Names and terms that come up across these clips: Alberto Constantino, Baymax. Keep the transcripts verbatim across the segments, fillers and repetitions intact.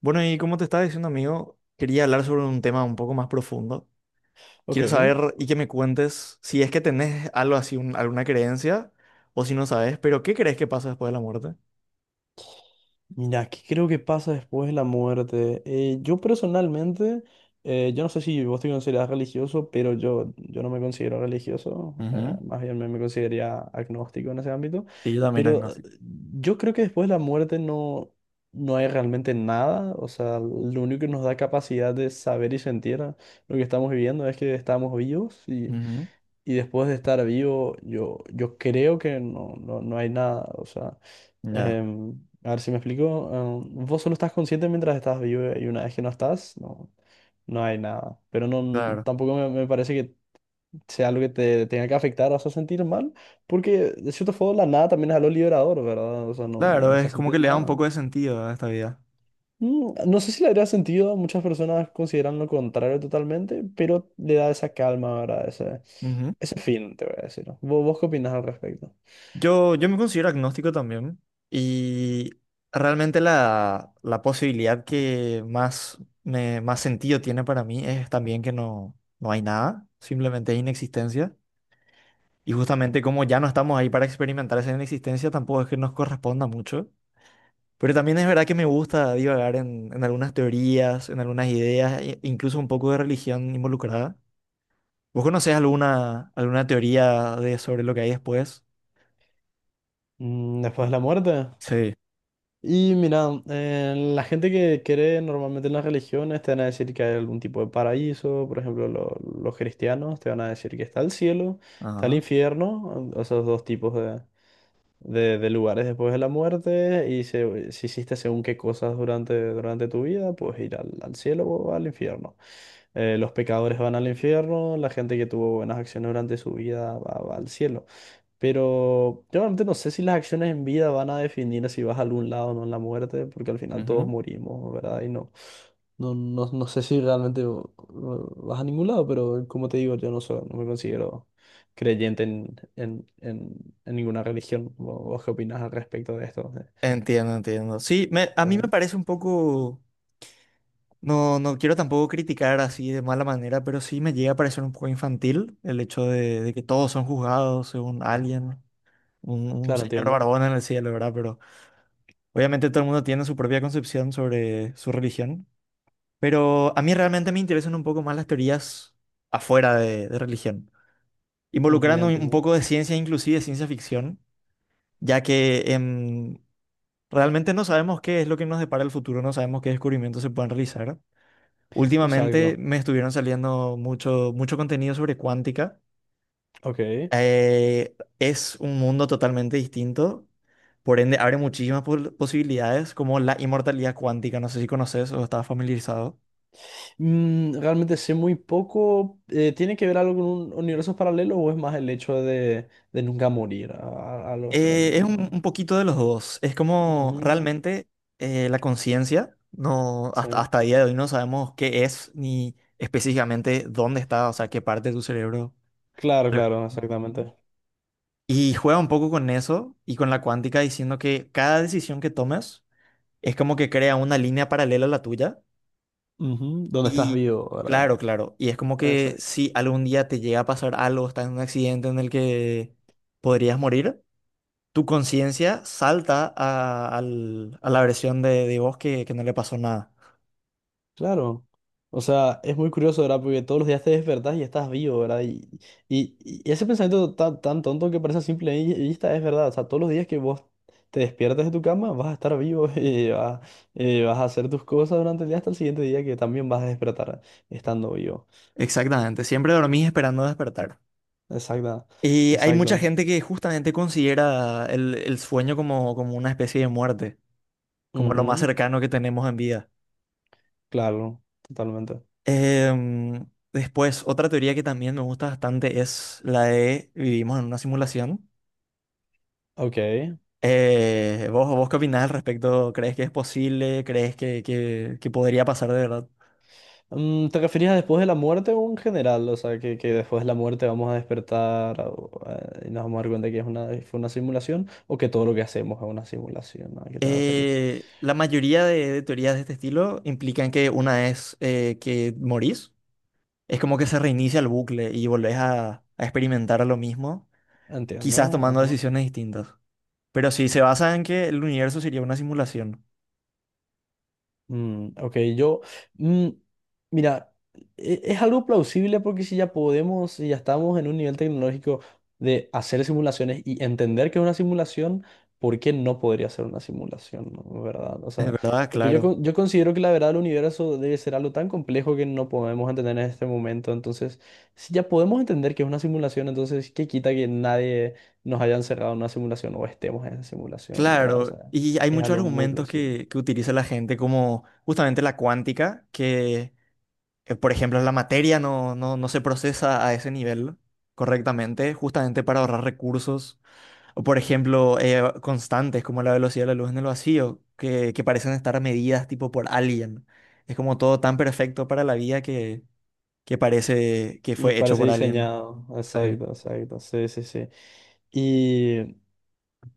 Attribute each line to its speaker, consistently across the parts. Speaker 1: Bueno, y como te estaba diciendo, amigo, quería hablar sobre un tema un poco más profundo.
Speaker 2: Ok,
Speaker 1: Quiero saber y que me cuentes si es que tenés algo así, un- alguna creencia, o si no sabes, pero ¿qué crees que pasa después de la muerte?
Speaker 2: mira, ¿aquí creo que pasa después de la muerte? Eh, yo personalmente, eh, yo no sé si vos te consideras religioso, pero yo, yo no me considero religioso, eh,
Speaker 1: Ujú.
Speaker 2: más bien me, me consideraría agnóstico en ese ámbito,
Speaker 1: Sí, yo también tengo
Speaker 2: pero eh,
Speaker 1: así.
Speaker 2: yo creo que después de la muerte no, no hay realmente nada. O sea, lo único que nos da capacidad de saber y sentir lo que estamos viviendo es que estamos vivos, y,
Speaker 1: Ujú.
Speaker 2: y después de estar vivo, yo, yo creo que no, no, no hay nada, o sea...
Speaker 1: Ya.
Speaker 2: Em, a ver si me explico. Em, vos solo estás consciente mientras estás vivo, y una vez que no estás, no, no hay nada. Pero no,
Speaker 1: Claro.
Speaker 2: tampoco me, me parece que sea algo que te tenga que afectar o hacer sentir mal, porque de cierto modo la nada también es algo liberador, ¿verdad? O sea, no, no,
Speaker 1: Claro,
Speaker 2: no
Speaker 1: es
Speaker 2: estás
Speaker 1: como que
Speaker 2: sintiendo
Speaker 1: le da un
Speaker 2: nada.
Speaker 1: poco de sentido a esta vida.
Speaker 2: Mm, No sé si le haría sentido, muchas personas consideran lo contrario totalmente, pero le da esa calma, ¿verdad? Ese, ese fin, te voy a decir. ¿Vos, vos qué opinas al respecto?
Speaker 1: Yo, yo me considero agnóstico también y realmente la, la posibilidad que más, me, más sentido tiene para mí es también que no, no hay nada, simplemente es inexistencia. Y justamente como ya no estamos ahí para experimentar esa inexistencia, tampoco es que nos corresponda mucho. Pero también es verdad que me gusta divagar en, en algunas teorías, en algunas ideas, e- incluso un poco de religión involucrada. ¿Vos conocés alguna, alguna teoría de sobre lo que hay después?
Speaker 2: Mm, Después de la muerte.
Speaker 1: Sí.
Speaker 2: Y mira, eh, la gente que cree normalmente en las religiones te van a decir que hay algún tipo de paraíso. Por ejemplo, lo- los cristianos te van a decir que está el cielo, está el
Speaker 1: Ajá.
Speaker 2: infierno, o- esos dos tipos de, de- de lugares después de la muerte, y se- si hiciste según qué cosas durante, durante tu vida, pues ir al, al cielo o al infierno. Eh, los pecadores van al infierno, la gente que tuvo buenas acciones durante su vida va va al cielo. Pero yo realmente no sé si las acciones en vida van a definir si vas a algún lado o no en la muerte, porque al final todos
Speaker 1: Ujú.
Speaker 2: morimos, ¿verdad? Y no, no, no, no sé si realmente eh, vas a ningún lado. Pero como te digo, yo no soy, no me considero creyente en, en, en, en ninguna religión. ¿Vo- ¿Vos qué opinas al respecto de esto?
Speaker 1: Entiendo, entiendo. Sí, me- a mí
Speaker 2: Eh,
Speaker 1: me parece un poco, no, no quiero tampoco criticar así de mala manera, pero sí me llega a parecer un poco infantil el hecho de, de que todos son juzgados según alguien, un, un
Speaker 2: claro,
Speaker 1: señor
Speaker 2: entiendo.
Speaker 1: barbón en el cielo, ¿verdad? Pero obviamente todo el mundo tiene su propia concepción sobre su religión, pero a mí realmente me interesan un poco más las teorías afuera de, de religión,
Speaker 2: Ujú, ya
Speaker 1: involucrando un un
Speaker 2: entiendo.
Speaker 1: poco de ciencia, inclusive ciencia ficción, ya que realmente no sabemos qué es lo que nos depara el futuro, no sabemos qué descubrimientos se pueden realizar. Últimamente
Speaker 2: Exacto.
Speaker 1: me estuvieron saliendo mucho, mucho contenido sobre cuántica.
Speaker 2: Ok.
Speaker 1: Eh, es un mundo totalmente distinto, por ende abre muchísimas pol- posibilidades como la inmortalidad cuántica, no sé si conoces o estás familiarizado.
Speaker 2: Mm, realmente sé muy poco. Eh, ¿tiene que ver algo con un universo paralelo, o es más el hecho de, de nunca morir? A- a- Algo así,
Speaker 1: Eh, es un,
Speaker 2: ¿no?
Speaker 1: un poquito de los dos, es como
Speaker 2: Ujú,
Speaker 1: realmente eh, la conciencia, no,
Speaker 2: sí.
Speaker 1: hasta, hasta el día de hoy no sabemos qué es ni específicamente dónde está, o sea, qué parte de tu cerebro.
Speaker 2: Claro,
Speaker 1: Alberto
Speaker 2: claro,
Speaker 1: Constantino.
Speaker 2: exactamente.
Speaker 1: Y juega un poco con eso y con la cuántica diciendo que cada decisión que tomes es como que crea una línea paralela a la tuya.
Speaker 2: Ujú, ¿dónde estás
Speaker 1: Y
Speaker 2: vivo, verdad?
Speaker 1: claro, claro. Y es como que
Speaker 2: Exacto.
Speaker 1: si algún día te llega a pasar algo, estás en un accidente en el que podrías morir, tu conciencia salta a, al- a la versión de, de vos que, que no le pasó nada.
Speaker 2: Claro. O sea, es muy curioso, ¿verdad? Porque todos los días te despertás y estás vivo, ¿verdad? Y, y, y ese pensamiento tan, tan tonto que parece a simple, y, y es verdad. O sea, todos los días que vos te despiertas de tu cama, vas a estar vivo y vas, eh, vas a hacer tus cosas durante el día hasta el siguiente día, que también vas a despertar estando vivo.
Speaker 1: Exactamente. Siempre dormís esperando despertar.
Speaker 2: Exacto.
Speaker 1: Y hay mucha
Speaker 2: Exacto.
Speaker 1: gente que justamente considera el, el sueño como, como una especie de muerte, como lo más
Speaker 2: Ujú,
Speaker 1: cercano que tenemos en vida.
Speaker 2: claro, totalmente.
Speaker 1: Em, Después, otra teoría que también me gusta bastante es la de vivimos en una simulación.
Speaker 2: Ok.
Speaker 1: Eh, ¿vos, vos qué opinás al respecto? ¿Crees que es posible? ¿Crees que, que- que podría pasar de verdad?
Speaker 2: Mm, ¿Te referías a después de la muerte o en general? O sea, que, que después de la muerte vamos a despertar, o, eh, y nos vamos a dar cuenta que es una, fue una simulación, o que todo lo que hacemos es una simulación. ¿A qué te referís?
Speaker 1: Eh, la mayoría de, de teorías de este estilo implican que una vez eh, que morís, es como que se reinicia el bucle y volvés a, a experimentar lo mismo,
Speaker 2: Entiendo,
Speaker 1: quizás tomando
Speaker 2: ajá.
Speaker 1: decisiones distintas. Pero sí, se basa en que el universo sería una simulación.
Speaker 2: Mm, ok, yo, mm, mira, e- es algo plausible, porque si ya podemos, si ya estamos en un nivel tecnológico de hacer simulaciones y entender que es una simulación, ¿por qué no podría ser una simulación, no? ¿Verdad? O
Speaker 1: Es
Speaker 2: sea,
Speaker 1: verdad,
Speaker 2: porque yo,
Speaker 1: claro.
Speaker 2: con- yo considero que la verdad del universo debe ser algo tan complejo que no podemos entender en este momento. Entonces, si ya podemos entender que es una simulación, entonces, ¿qué quita que nadie nos haya encerrado en una simulación o estemos en esa simulación, ¿verdad? O
Speaker 1: Claro,
Speaker 2: sea,
Speaker 1: y hay
Speaker 2: es
Speaker 1: muchos
Speaker 2: algo muy
Speaker 1: argumentos
Speaker 2: plausible.
Speaker 1: que, que utiliza la gente, como justamente la cuántica, que, eh, por ejemplo, la materia no, no, no se procesa a ese nivel correctamente, justamente para ahorrar recursos, o por ejemplo, eh, constantes como la velocidad de la luz en el vacío, que, que parecen estar medidas tipo por alguien. Es como todo tan perfecto para la vida que, que parece que
Speaker 2: Y
Speaker 1: fue hecho
Speaker 2: parece
Speaker 1: por alguien.
Speaker 2: diseñado,
Speaker 1: Sí.
Speaker 2: exacto, exacto, sí, sí, sí. Y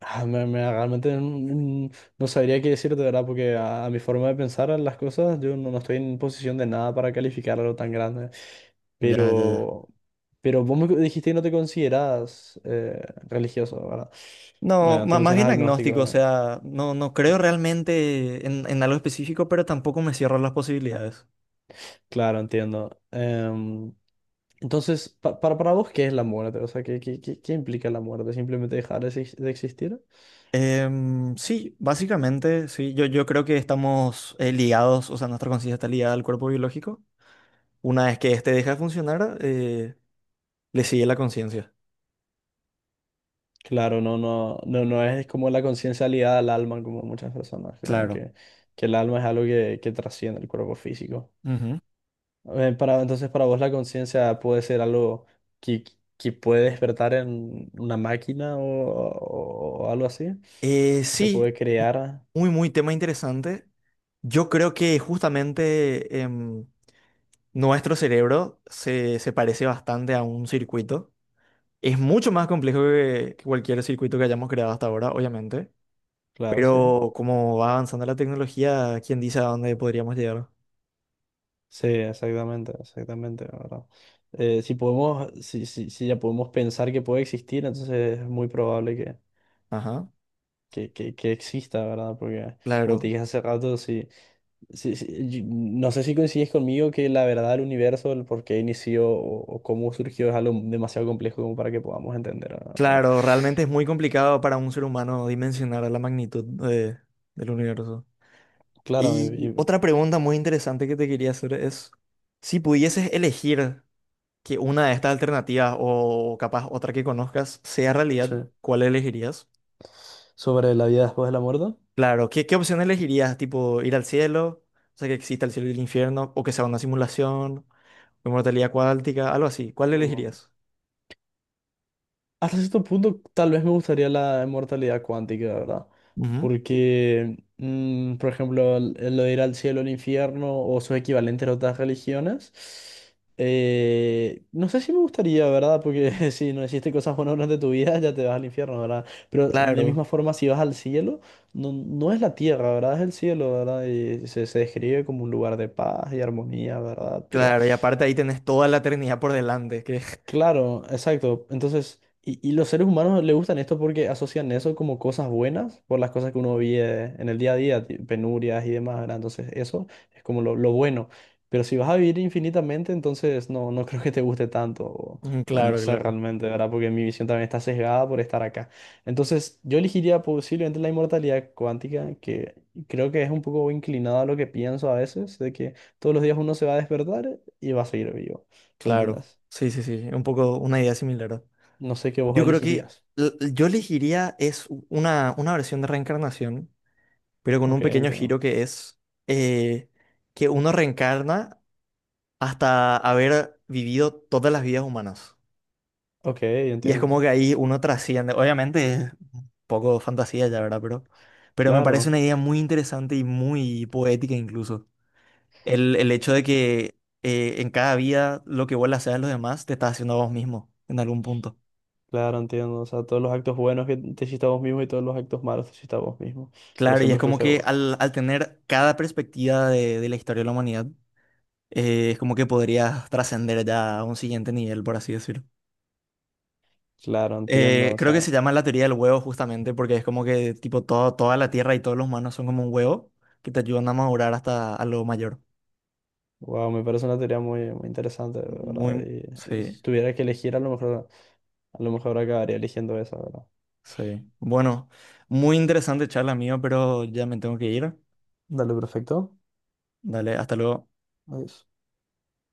Speaker 2: ah, me, me- realmente mm, no sabría qué decirte, ¿verdad? Porque a, a mi forma de pensar en las cosas, yo no, no estoy en posición de nada para calificar algo tan grande.
Speaker 1: Ya, ya, ya.
Speaker 2: Pero, pero vos me dijiste que no te consideras eh, religioso, ¿verdad?
Speaker 1: No,
Speaker 2: Eh, te
Speaker 1: ma- más
Speaker 2: consideras
Speaker 1: bien agnóstico, o
Speaker 2: agnóstico.
Speaker 1: sea, no, no creo realmente en, en algo específico, pero tampoco me cierro las posibilidades.
Speaker 2: Claro, entiendo. Em, entonces, pa- para, para vos, ¿qué es la muerte? O sea, ¿qué, qué, qué, qué implica la muerte? ¿Simplemente dejar de exis- de existir?
Speaker 1: Em, sí, básicamente, sí, yo, yo creo que estamos eh, ligados, o sea, nuestra conciencia está ligada al cuerpo biológico. Una vez que este deja de funcionar, eh, le sigue la conciencia.
Speaker 2: Claro, no, no, no, no es como la conciencia ligada al alma, como muchas personas creen
Speaker 1: Claro.
Speaker 2: que, que el alma es algo que, que trasciende el cuerpo físico.
Speaker 1: Ujú.
Speaker 2: Eh, para, entonces, para vos la conciencia puede ser algo que, que puede despertar en una máquina, o, o- o algo así.
Speaker 1: Eh,
Speaker 2: Se
Speaker 1: sí,
Speaker 2: puede
Speaker 1: m-
Speaker 2: crear,
Speaker 1: muy, muy tema interesante. Yo creo que justamente em, nuestro cerebro se, se parece bastante a un circuito. Es mucho más complejo que, que cualquier circuito que hayamos creado hasta ahora, obviamente.
Speaker 2: claro, sí.
Speaker 1: Pero como va avanzando la tecnología, ¿quién dice a dónde podríamos llegar?
Speaker 2: Sí, exactamente, exactamente, la ¿verdad? Eh, si podemos, si, si, si ya podemos pensar que puede existir, entonces es muy probable
Speaker 1: Ajá,
Speaker 2: que, que, que exista, ¿verdad? Porque, como te
Speaker 1: claro.
Speaker 2: dije hace rato, sí sí si- yo- no sé si coincides conmigo que la verdad del universo, el por qué inició, o, o cómo surgió, es algo demasiado complejo como para que podamos entender, ¿verdad?
Speaker 1: Claro, realmente es muy complicado para un ser humano dimensionar la magnitud de- del universo.
Speaker 2: Claro, y-
Speaker 1: Y
Speaker 2: y-
Speaker 1: otra pregunta muy interesante que te quería hacer es, si pudieses elegir que una de estas alternativas o capaz otra que conozcas sea realidad,
Speaker 2: sí.
Speaker 1: ¿cuál elegirías?
Speaker 2: Sobre la vida después de la muerte.
Speaker 1: Claro, ¿qué, qué opción elegirías? ¿Tipo ir al cielo? O sea, que exista el cielo y el infierno, o que sea una simulación, o inmortalidad cuántica, algo así. ¿Cuál elegirías?
Speaker 2: Hasta cierto punto, tal vez me gustaría la inmortalidad cuántica, ¿verdad?
Speaker 1: Ujú.
Speaker 2: Porque, mm, por ejemplo, el- el lo de ir al cielo, al infierno o sus equivalentes de otras religiones, eh, no sé si me gustaría, ¿verdad? Porque si no hiciste cosas buenas durante tu vida, ya te vas al infierno, ¿verdad? Pero de
Speaker 1: Claro,
Speaker 2: misma forma, si vas al cielo, no, no es la tierra, ¿verdad? Es el cielo, ¿verdad? Y se, se describe como un lugar de paz y armonía, ¿verdad? Pero
Speaker 1: claro, y aparte ahí tenés toda la eternidad por delante, que
Speaker 2: claro, exacto. Entonces, y, y los seres humanos le gustan esto porque asocian eso como cosas buenas por las cosas que uno vive en el día a día, ti- penurias y demás, ¿verdad? Entonces, eso es como lo, lo bueno. Pero si vas a vivir infinitamente, entonces no, no creo que te guste tanto, o,
Speaker 1: Mm,
Speaker 2: o no
Speaker 1: claro,
Speaker 2: sé
Speaker 1: claro,
Speaker 2: realmente, ¿verdad? Porque mi visión también está sesgada por estar acá. Entonces, yo elegiría posiblemente la inmortalidad cuántica, que creo que es un poco inclinada a lo que pienso a veces, de que todos los días uno se va a despertar y va a seguir vivo,
Speaker 1: claro.
Speaker 2: ¿entendés?
Speaker 1: Sí, sí, sí, un poco una idea similar.
Speaker 2: No sé qué vos
Speaker 1: Yo creo que
Speaker 2: elegirías.
Speaker 1: l- yo elegiría es u- una, una versión de reencarnación, pero con un
Speaker 2: Ok,
Speaker 1: pequeño
Speaker 2: entiendo.
Speaker 1: giro que es eh, que uno reencarna hasta haber vivido todas las vidas humanas.
Speaker 2: Ok,
Speaker 1: Y es como
Speaker 2: entiendo.
Speaker 1: que ahí uno trasciende. Obviamente es un poco fantasía ya, ¿verdad? Pero, pero me parece
Speaker 2: Claro,
Speaker 1: una idea muy interesante y muy poética incluso. El, el
Speaker 2: es-
Speaker 1: hecho de que eh, en cada vida lo que vos le haces a los demás te estás haciendo a vos mismo en algún punto.
Speaker 2: claro, entiendo. O sea, todos los actos buenos que te hiciste a vos mismo, y todos los actos malos te hiciste a vos mismo. Pero
Speaker 1: Claro, y es
Speaker 2: siempre
Speaker 1: como
Speaker 2: fuiste
Speaker 1: que
Speaker 2: vos.
Speaker 1: al, al tener cada perspectiva de, de la historia de la humanidad, eh, es como que podrías trascender ya a un siguiente nivel, por así decirlo.
Speaker 2: Claro, entiendo.
Speaker 1: Eh,
Speaker 2: O
Speaker 1: creo que
Speaker 2: sea,
Speaker 1: se llama la teoría del huevo justamente porque es como que tipo todo, toda la tierra y todos los humanos son como un huevo que te ayudan a madurar hasta a lo mayor.
Speaker 2: wow, me parece una teoría muy, muy interesante, ¿verdad?
Speaker 1: Muy,
Speaker 2: Y, y
Speaker 1: sí,
Speaker 2: si tuviera que elegir, a lo mejor, a lo mejor acabaría eligiendo esa, ¿verdad?
Speaker 1: sí. Bueno, muy interesante charla mío, pero ya me tengo que ir.
Speaker 2: Dale, perfecto.
Speaker 1: Dale, hasta luego.
Speaker 2: Adiós.